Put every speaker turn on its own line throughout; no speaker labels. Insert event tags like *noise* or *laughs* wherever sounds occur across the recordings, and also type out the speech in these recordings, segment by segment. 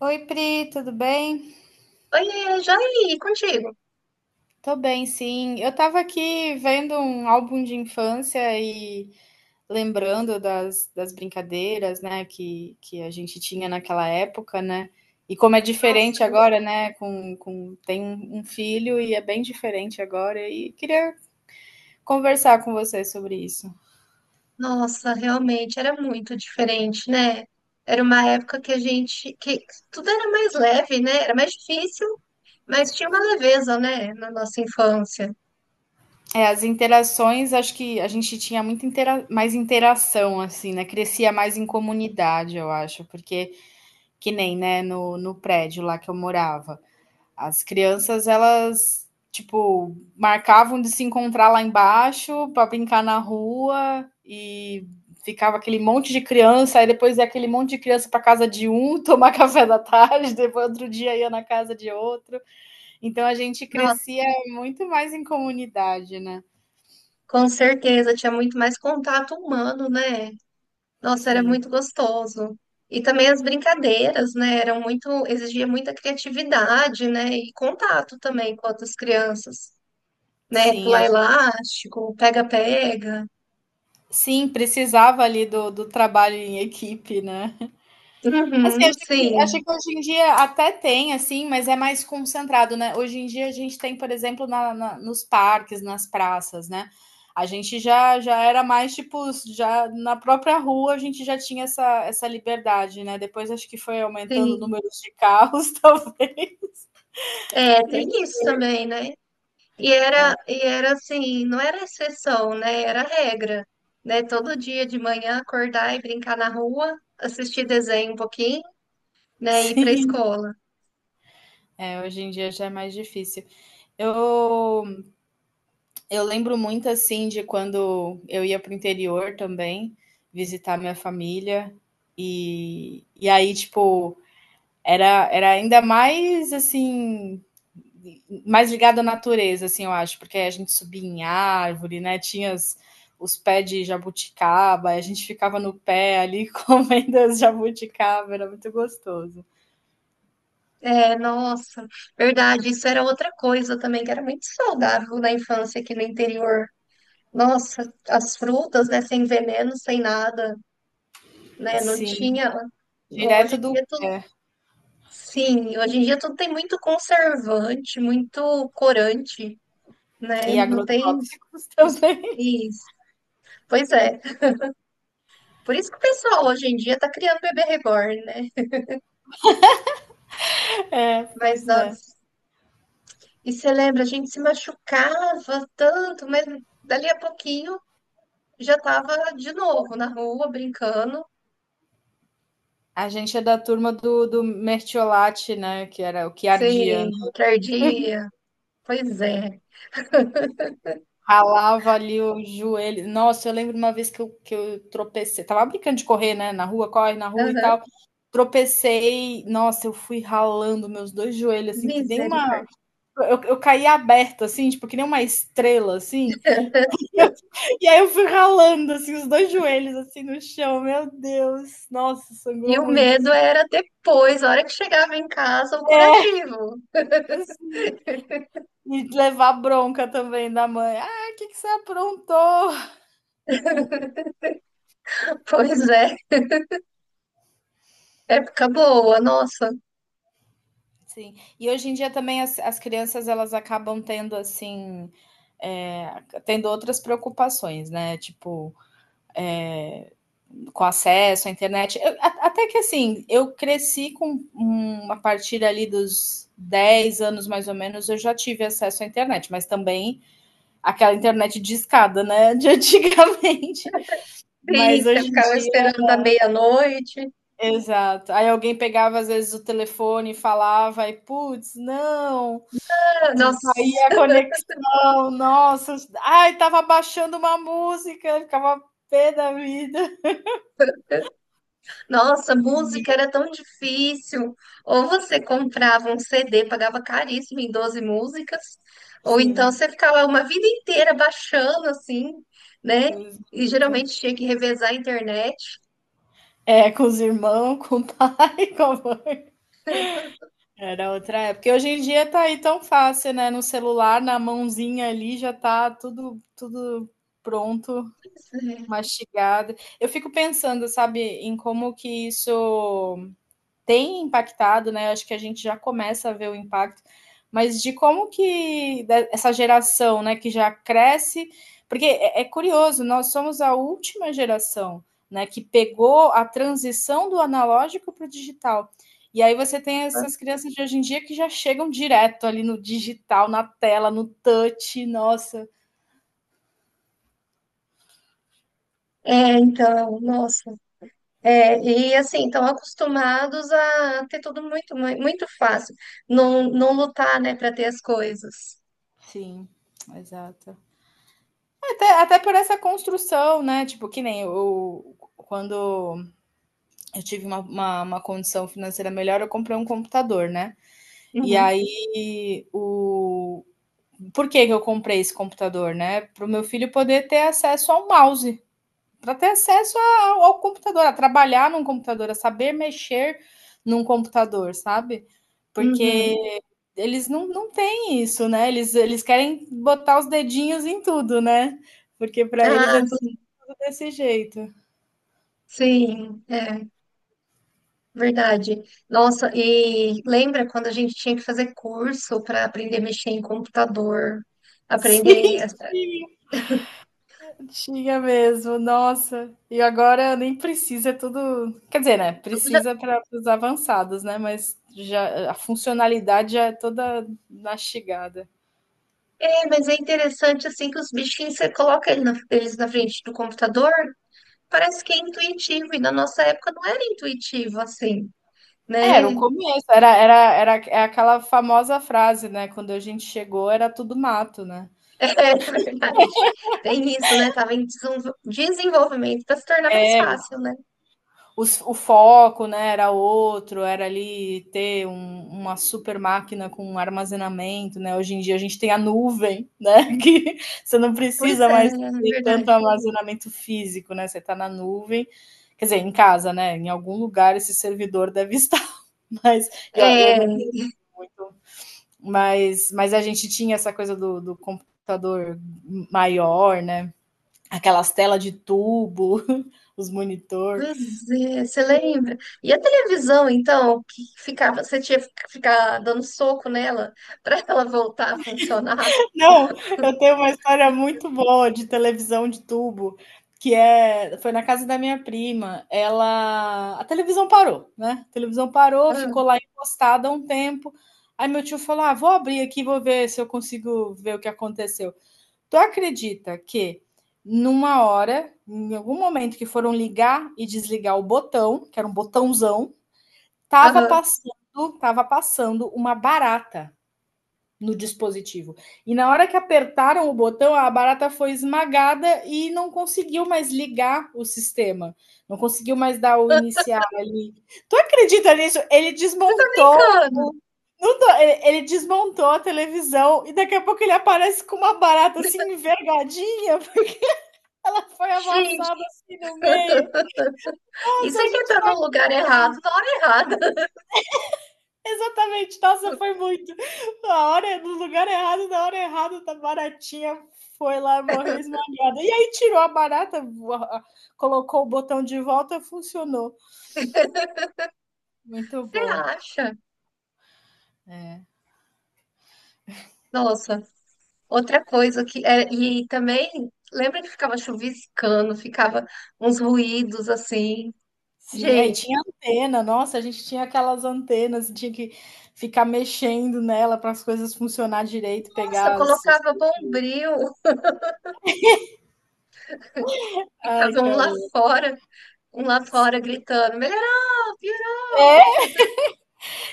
Oi, Pri, tudo bem?
Oiê, Jair, contigo?
Tô bem, sim. Eu tava aqui vendo um álbum de infância e lembrando das brincadeiras, né, que a gente tinha naquela época, né? E como é
Nossa,
diferente agora, né? Tem um filho e é bem diferente agora. E queria conversar com você sobre isso.
nossa, realmente era muito diferente, né? Era uma época que tudo era mais leve, né? Era mais difícil, mas tinha uma leveza, né? Na nossa infância.
É, as interações, acho que a gente tinha muito intera mais interação, assim, né? Crescia mais em comunidade, eu acho, porque. Que nem, né, no prédio lá que eu morava. As crianças, elas, tipo, marcavam de se encontrar lá embaixo para brincar na rua e ficava aquele monte de criança, aí depois ia aquele monte de criança para casa de um *laughs* tomar café da tarde, depois outro dia ia na casa de outro. Então a gente
Nossa,
crescia muito mais em comunidade, né?
com certeza, tinha muito mais contato humano, né? Nossa, era
Sim,
muito gostoso. E também as brincadeiras, né? Eram muito, exigia muita criatividade, né? E contato também com outras crianças, né?
sim, a
Pular
gente,
elástico, pega-pega.
sim, precisava ali do trabalho em equipe, né? Assim,
Uhum, sim,
acho que hoje em dia até tem, assim, mas é mais concentrado, né? Hoje em dia a gente tem, por exemplo, nos parques, nas praças, né? A gente já era mais, tipo, já na própria rua a gente já tinha essa liberdade, né? Depois acho que foi aumentando o
sim.
número de carros, *laughs* talvez.
É, tem isso também, né?
É,
E era assim, não era exceção, né? Era regra, né? Todo dia de manhã acordar e brincar na rua, assistir desenho um pouquinho, né? E ir pra
sim.
escola.
É, hoje em dia já é mais difícil. Eu Eu lembro muito assim de quando eu ia para o interior também, visitar minha família, e aí, tipo, era ainda mais assim, mais ligado à natureza, assim, eu acho, porque a gente subia em árvore, né? Os pés de jabuticaba, a gente ficava no pé ali *laughs* comendo as jabuticaba, era muito gostoso.
É, nossa, verdade, isso era outra coisa também que era muito saudável na infância aqui no interior. Nossa, as frutas, né? Sem veneno, sem nada, né? Não
Sim,
tinha. Hoje
direto
em dia
do.
é tudo. Sim, hoje em dia tudo tem muito conservante, muito corante, né?
E
Não tem
agrotóxicos *laughs*
os-
também.
isso. Pois é. Por isso que o pessoal hoje em dia tá criando bebê reborn, né?
É,
Mas
pois é.
nós, e você lembra, a gente se machucava tanto, mas dali a pouquinho já tava de novo na rua brincando,
A gente é da turma do Mertiolate, né? Que era o Chiardiano.
sem tardia. Pois é.
Ralava ali o joelho. Nossa, eu lembro uma vez que eu tropecei. Tava brincando de correr, né? Na rua, corre na rua e
Aham.
tal. Tropecei. Nossa, eu fui ralando meus dois joelhos, assim, que nem uma.
Misericórdia.
Eu caí aberta, assim, tipo, que nem uma estrela, assim. *laughs* E, eu- e aí eu fui ralando, assim, os dois joelhos, assim, no chão. Meu Deus. Nossa,
E
sangrou
o
muito.
medo
Assim.
era depois, a hora que chegava em casa, o
É,
curativo.
assim. E levar bronca também da mãe. "Ah, o que que você aprontou?"
*laughs* Pois é. Época boa, nossa.
Sim. E hoje em dia também as crianças elas acabam tendo, assim, tendo outras preocupações, né, tipo, com acesso à internet. Eu a até que assim, eu cresci com a partir ali dos 10 anos, mais ou menos, eu já tive acesso à internet, mas também aquela internet discada, né, *laughs* de antigamente.
Sim,
Mas
você
hoje em
ficava
dia
esperando da meia-noite.
Exato. Aí alguém pegava às vezes o telefone e falava e putz, não,
Ah,
de
Nossa,
caía a conexão, nossa, ai tava baixando uma música, ficava pé da vida.
nossa, música
E,
era tão difícil. Ou você comprava um CD, pagava caríssimo em 12 músicas, ou então
sim,
você ficava uma vida inteira baixando assim, né? E
exato.
geralmente tinha que revezar a internet.
É, com os irmãos, *laughs* com o pai, *laughs* com a mãe. Era outra época. E hoje em dia tá aí tão fácil, né? No celular, na mãozinha ali, já tá tudo, tudo pronto, mastigado. Eu fico pensando, sabe, em como que isso tem impactado, né? Acho que a gente já começa a ver o impacto, mas de como que essa geração, né, que já cresce, porque é curioso, nós somos a última geração, né, que pegou a transição do analógico para o digital. E aí você tem essas crianças de hoje em dia que já chegam direto ali no digital, na tela, no touch, nossa.
É, então, nossa. É, e assim, estão acostumados a ter tudo muito, muito fácil. Não, não lutar, né, para ter as coisas.
Sim, exato. Até por essa construção, né? Tipo, que nem o, quando eu tive uma condição financeira melhor, eu comprei um computador, né? E
Uhum.
aí, o... por que que eu comprei esse computador, né? Para o meu filho poder ter acesso ao mouse, para ter acesso ao computador, a trabalhar num computador, a saber mexer num computador, sabe? Porque
Uhum.
eles não têm isso, né? Eles querem botar os dedinhos em tudo, né? Porque para eles
Ah,
é tudo,
sim,
tudo desse jeito.
sim, é verdade. Nossa, e lembra quando a gente tinha que fazer curso para aprender a mexer em computador,
*laughs* Sim,
aprender.
sim. Tinha mesmo, nossa. E agora nem precisa, é tudo. Quer dizer, né?
Eu já-
Precisa para os avançados, né? Mas já a funcionalidade já é toda mastigada.
É, mas é interessante assim que os bichinhos você coloca eles na frente do computador, parece que é intuitivo, e na nossa época não era intuitivo assim, né?
Era o começo, era era era é aquela famosa frase, né? Quando a gente chegou, era tudo mato, né?
*laughs* É verdade. Tem isso, né? Tava em desenvolvimento para se tornar mais
É.
fácil, né?
O foco né, era outro, era ali uma super máquina com armazenamento, né? Hoje em dia a gente tem a nuvem, né? *laughs* Que você não
Pois
precisa
é,
mais
é
ter
verdade.
tanto armazenamento físico, né? Você está na nuvem. Quer dizer, em casa, né? Em algum lugar esse servidor deve *laughs* estar, mas e eu
É.
não uso muito. Mas a gente tinha essa coisa do computador maior, né? Aquelas telas de tubo, *laughs* os monitor.
Pois é, você lembra? E a televisão, então, que ficava, você tinha que ficar dando soco nela para *laughs* ela voltar a funcionar?
Não, eu tenho uma história muito boa de televisão de tubo, que é foi na casa da minha prima, ela a televisão parou, né, a televisão parou,
Ah,
ficou lá encostada há um tempo, aí meu tio falou: "Ah, vou abrir aqui, vou ver se eu consigo ver o que aconteceu". Tu acredita que numa hora, em algum momento que foram ligar e desligar o botão, que era um botãozão, tava
ah.
passando tava passando uma barata no dispositivo. E na hora que apertaram o botão, a barata foi esmagada e não conseguiu mais ligar o sistema. Não conseguiu mais dar o iniciar ali. Tu acredita nisso? Ele
Você tá
desmontou.
brincando?
O- Não tô- ele- Desmontou a televisão e daqui a pouco ele aparece com uma barata assim envergadinha. *laughs* Ela foi amassada
Gente,
assim no meio. Nossa,
isso
a
é que
gente
tá no lugar errado, na hora errada. *laughs*
Exatamente, nossa, foi muito. Na hora no lugar errado, na hora errada, da baratinha foi lá, morreu esmagada. E aí tirou a barata, voa colocou o botão de volta, funcionou. Muito
Você
bom.
acha?
É,
Nossa, outra coisa que é, e também lembra que ficava chuviscando, ficava uns ruídos assim.
sim, aí
Gente,
tinha antena, nossa, a gente tinha aquelas antenas, tinha que ficar mexendo nela para as coisas funcionar direito,
nossa,
pegar as
colocava bombril, *laughs*
ai,
ficava
cara
um lá fora gritando, melhorou, piorou.
É,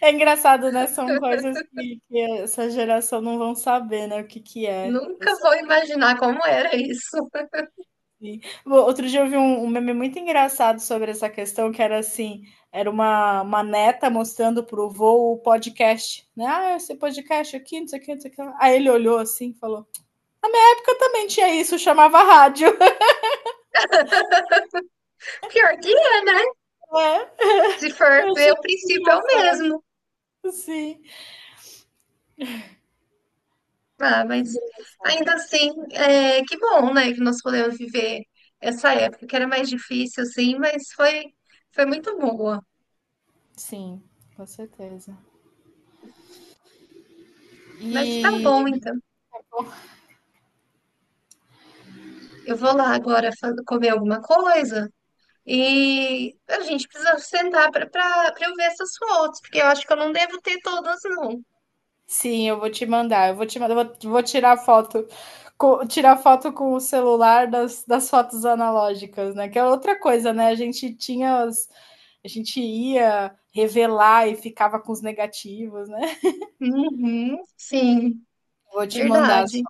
é engraçado, né, são coisas que essa geração não vão saber, né, o que que é.
Nunca vou imaginar como era isso. *laughs*
Sim. Outro dia eu vi um meme muito engraçado sobre essa questão, que era assim, era uma neta mostrando para o vô o podcast, né? Ah, esse podcast aqui, não sei o que, não sei o que. Lá. Aí ele olhou assim e falou, na época também tinha isso, chamava rádio. *laughs*
Pior que é, né?
É,
Se for
eu
ver,
achei
o
muito
princípio é o
engraçado,
mesmo.
sim.
Ah,
Muito
mas
engraçado.
ainda assim, é, que bom, né? Que nós podemos viver essa época que era mais difícil, assim, mas foi, foi muito boa.
Sim, com certeza.
Mas tá
E
bom, então. Eu vou lá agora comer alguma coisa e a gente precisa sentar para eu ver essas fotos, porque eu acho que eu não devo ter todas, não.
Sim, eu vou te mandar. Eu vou te mandar, vou tirar foto, tirar foto com o celular das fotos analógicas, né? Que é outra coisa, né? A gente tinha as, a gente ia revelar e ficava com os negativos, né?
Uhum, sim,
Vou te mandar
verdade.
só.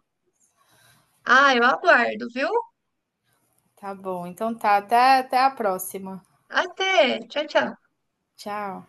Ah, eu aguardo, viu?
Tá bom. Então tá, até a próxima.
Até. Tchau, tchau.
Tchau.